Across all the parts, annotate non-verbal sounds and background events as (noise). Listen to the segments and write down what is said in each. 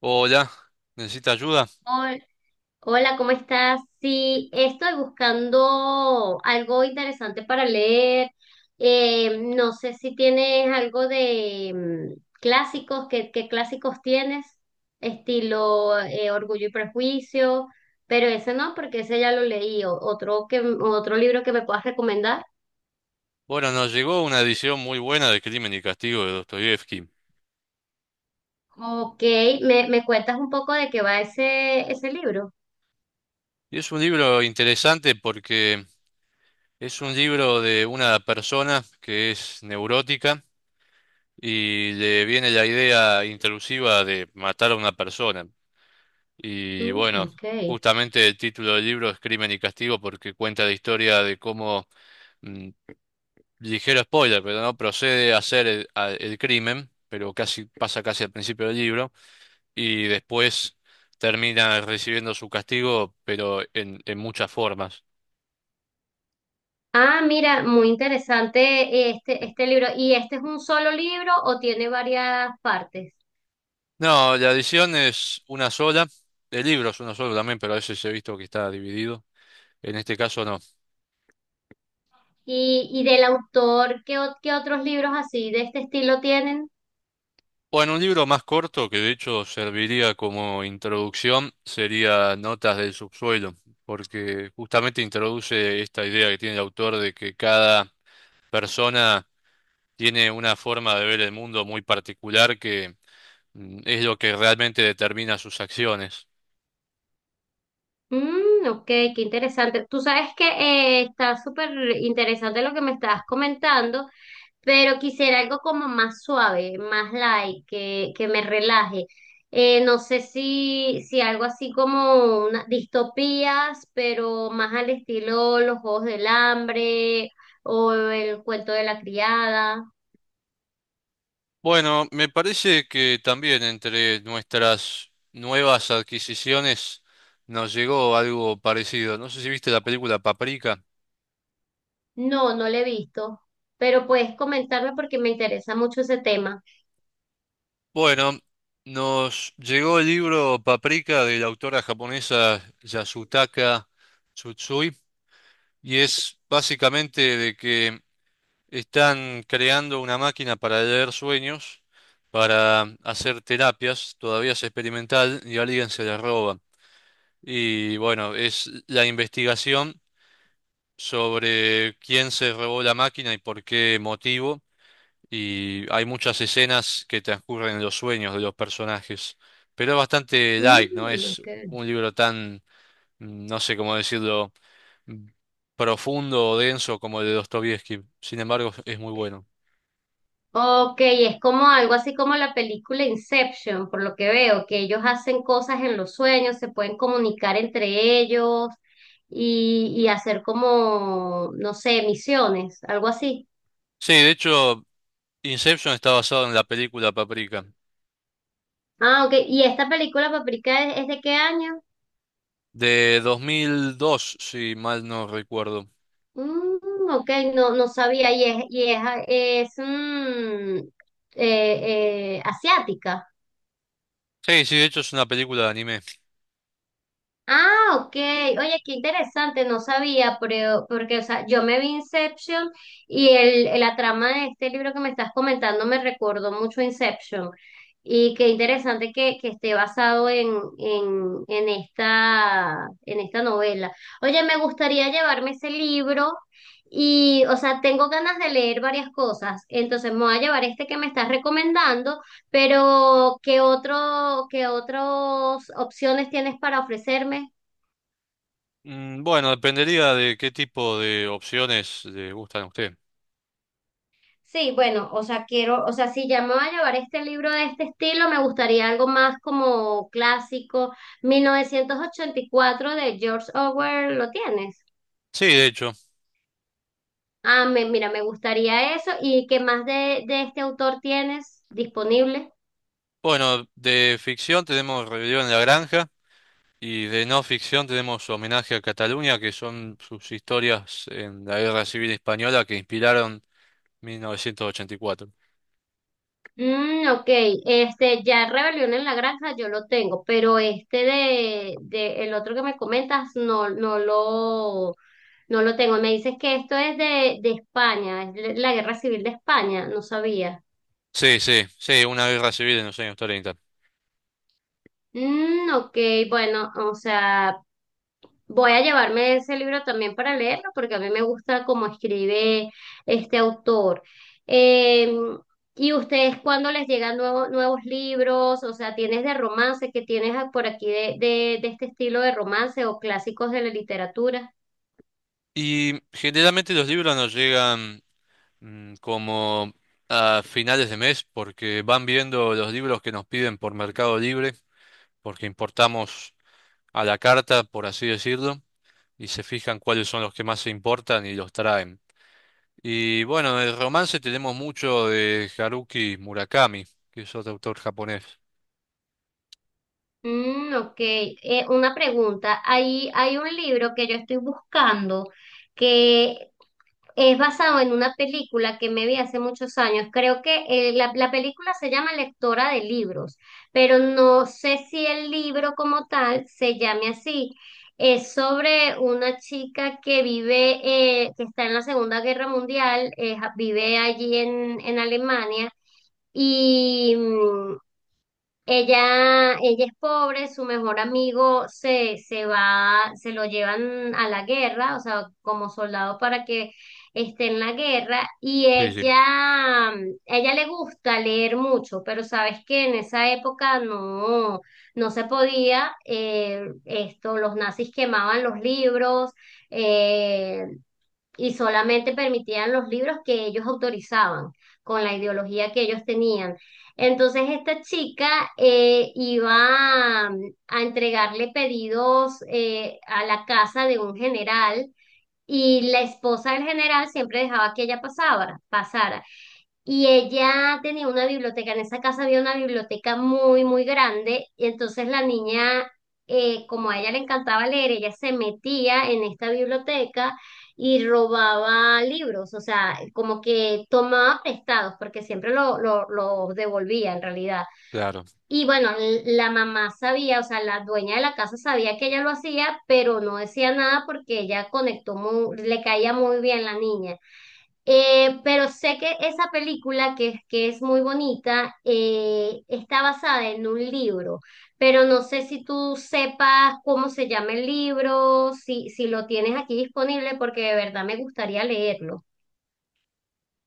Hola, ¿necesita ayuda? Hol- Hola, ¿cómo estás? Sí, estoy buscando algo interesante para leer. No sé si tienes algo de clásicos, ¿qué clásicos tienes? Estilo Orgullo y Prejuicio, pero ese no, porque ese ya lo leí. Otro otro libro que me puedas recomendar. Bueno, nos llegó una edición muy buena de Crimen y Castigo de Dostoyevsky. Ok, ¿me cuentas un poco de qué va ese libro? Y es un libro interesante porque es un libro de una persona que es neurótica y le viene la idea intrusiva de matar a una persona. Y Mm, bueno, ok. justamente el título del libro es Crimen y Castigo porque cuenta la historia de cómo, mm, ligero spoiler, pero no procede a hacer el crimen, pero casi pasa casi al principio del libro y después termina recibiendo su castigo, pero en muchas formas. Ah, mira, muy interesante este libro. ¿Y este es un solo libro o tiene varias partes? No, la edición es una sola, el libro es uno solo también, pero a veces he visto que está dividido. En este caso no. Y del autor, ¿qué otros libros así de este estilo tienen? Bueno, un libro más corto que de hecho serviría como introducción sería Notas del subsuelo, porque justamente introduce esta idea que tiene el autor de que cada persona tiene una forma de ver el mundo muy particular que es lo que realmente determina sus acciones. Mm, ok, qué interesante. Tú sabes que está súper interesante lo que me estás comentando, pero quisiera algo como más suave, más light, que me relaje. No sé si algo así como una, distopías, pero más al estilo Los Juegos del Hambre o El Cuento de la Criada. Bueno, me parece que también entre nuestras nuevas adquisiciones nos llegó algo parecido. No sé si viste la película Paprika. No, no lo he visto, pero puedes comentarme porque me interesa mucho ese tema. Bueno, nos llegó el libro Paprika de la autora japonesa Yasutaka Tsutsui y es básicamente de que están creando una máquina para leer sueños, para hacer terapias, todavía es experimental y alguien se la roba. Y bueno, es la investigación sobre quién se robó la máquina y por qué motivo, y hay muchas escenas que transcurren en los sueños de los personajes, pero es bastante light, no Mm, es ok. un libro tan, no sé cómo decirlo, mm, profundo o denso como el de Dostoievski, sin embargo es muy bueno. Ok, es como algo así como la película Inception, por lo que veo, que ellos hacen cosas en los sueños, se pueden comunicar entre ellos y hacer como, no sé, misiones, algo así. Sí, de hecho, Inception está basado en la película Paprika, Ah, ok, ¿y esta película, Paprika, es de qué año? de 2002, si mal no recuerdo. Mm, ok, no sabía, es asiática. Sí, sí, de hecho es una película de anime. Ah, ok. Oye, qué interesante, no sabía, pero porque, o sea, yo me vi Inception y la trama de este libro que me estás comentando me recordó mucho a Inception. Y qué interesante que esté basado en esta novela. Oye, me gustaría llevarme ese libro y, o sea, tengo ganas de leer varias cosas. Entonces me voy a llevar este que me estás recomendando pero, ¿qué otras opciones tienes para ofrecerme? Mm, bueno, dependería de qué tipo de opciones le gustan a usted. Sí, bueno, o sea, quiero, o sea, si ya me voy a llevar este libro de este estilo, me gustaría algo más como clásico. 1984 de George Orwell, ¿lo tienes? Sí, de hecho. Ah, mira, me gustaría eso. ¿Y qué más de este autor tienes disponible? Bueno, de ficción tenemos Rebelión en la Granja y de no ficción tenemos Homenaje a Cataluña, que son sus historias en la Guerra Civil Española que inspiraron 1984. Mm, ok, este ya Rebelión en la Granja yo lo tengo, pero este de el otro que me comentas no, no lo tengo. Me dices que esto es de España, es la Guerra Civil de España, no sabía. Sí, sí, sí, una guerra civil en los años treinta. Mm, ok, bueno, o sea, voy a llevarme ese libro también para leerlo porque a mí me gusta cómo escribe este autor. Eh, ¿Y ustedes cuándo les llegan nuevos libros? O sea, ¿tienes de romance que tienes por aquí de este estilo de romance o clásicos de la literatura? Y generalmente los libros nos llegan como a finales de mes porque van viendo los libros que nos piden por Mercado Libre, porque importamos a la carta, por así decirlo, y se fijan cuáles son los que más se importan y los traen. Y bueno, el romance tenemos mucho de Haruki Murakami, que es otro autor japonés. Mm, ok. Una pregunta. Ahí hay un libro que yo estoy buscando que es basado en una película que me vi hace muchos años. Creo que la película se llama Lectora de Libros, pero no sé si el libro como tal se llame así. Es sobre una chica que vive, que está en la Segunda Guerra Mundial, vive allí en Alemania. Y, ella es pobre, su mejor amigo se va, se lo llevan a la guerra, o sea, como soldado para que esté en la guerra, y Sí, sí, ella le gusta leer mucho, pero sabes que en esa época no se podía, esto, los nazis quemaban los libros, eh, y solamente permitían los libros que ellos autorizaban, con la ideología que ellos tenían. Entonces esta chica eh, iba a, a entregarle pedidos a la casa de un general y la esposa del general siempre dejaba que ella pasara. Y ella tenía una biblioteca, en esa casa había una biblioteca muy, muy grande, y entonces la niña, como a ella le encantaba leer, ella se metía en esta biblioteca y robaba libros, o sea, como que tomaba prestados, porque siempre lo devolvía en realidad. claro. Y bueno, la mamá sabía, o sea, la dueña de la casa sabía que ella lo hacía, pero no decía nada porque ella conectó muy, le caía muy bien la niña. Pero sé que esa película, que es muy bonita, está basada en un libro, pero no sé si tú sepas cómo se llama el libro, si lo tienes aquí disponible, porque de verdad me gustaría leerlo.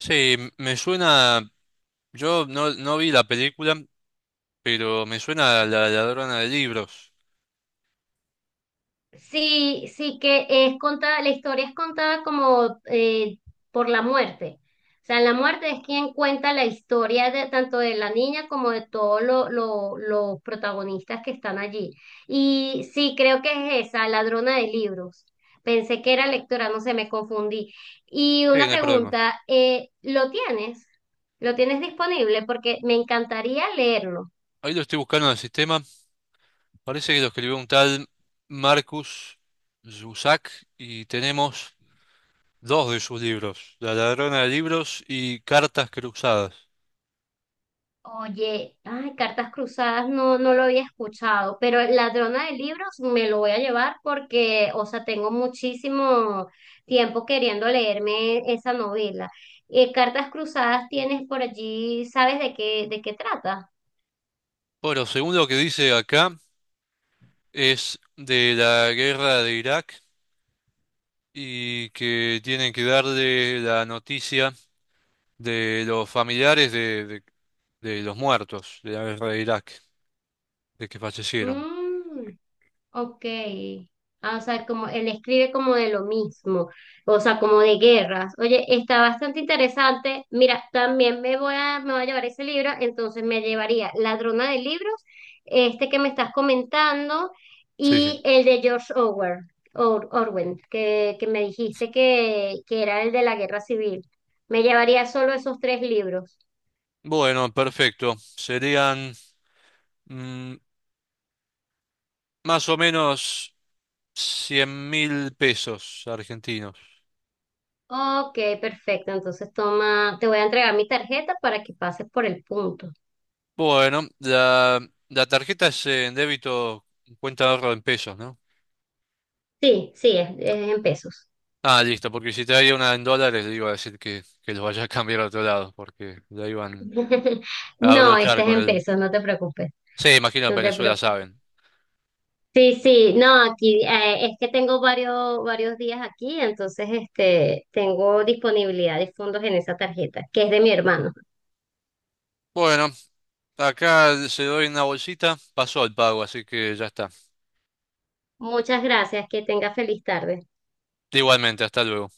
Sí, me suena, yo no, no vi la película, pero me suena a La Ladrona de Libros. Sí, sí que es contada, la historia es contada como por la muerte. O sea, la muerte es quien cuenta la historia de, tanto de la niña como de todos los protagonistas que están allí. Y sí, creo que es esa, ladrona de libros. Pensé que era lectora, no sé, me confundí. Y Sí, una no hay problema. pregunta, ¿lo tienes? ¿Lo tienes disponible? Porque me encantaría leerlo. Ahí lo estoy buscando en el sistema. Parece que lo escribió un tal Marcus Zusak y tenemos dos de sus libros, La Ladrona de Libros y Cartas Cruzadas. Oye, ay, Cartas Cruzadas no, no lo había escuchado, pero Ladrona de Libros me lo voy a llevar porque, o sea, tengo muchísimo tiempo queriendo leerme esa novela. Cartas Cruzadas tienes por allí, ¿sabes de qué trata? Bueno, según lo que dice acá, es de la guerra de Irak y que tienen que darle la noticia de los familiares de los muertos de la guerra de Irak, de que fallecieron. Mm. Ok. Ah, o sea, como él escribe como de lo mismo, o sea, como de guerras. Oye, está bastante interesante. Mira, también me voy a llevar ese libro, entonces me llevaría Ladrona de Libros, este que me estás comentando, Sí, sí. y el de George Orwell, Orwell, que me dijiste que era el de la Guerra Civil. Me llevaría solo esos tres libros. Bueno, perfecto. Serían mm, más o menos 100.000 pesos argentinos. Ok, perfecto. Entonces toma, te voy a entregar mi tarjeta para que pases por el punto. Bueno, la tarjeta es en débito, cuenta de ahorro en pesos, ¿no? Sí, sí, es en pesos. Ah, listo, porque si traía una en dólares, le iba a decir que los vaya a cambiar a otro lado, porque la iban (laughs) a No, este abrochar es con en el... pesos, no te preocupes, Sí, imagino en no te Venezuela preocupes. saben. Sí, sí, no, aquí es que tengo varios días aquí, entonces este, tengo disponibilidad de fondos en esa tarjeta, que es de mi hermano. Bueno, acá se doy una bolsita, pasó el pago, así que ya está. Muchas gracias, que tenga feliz tarde. Igualmente, hasta luego.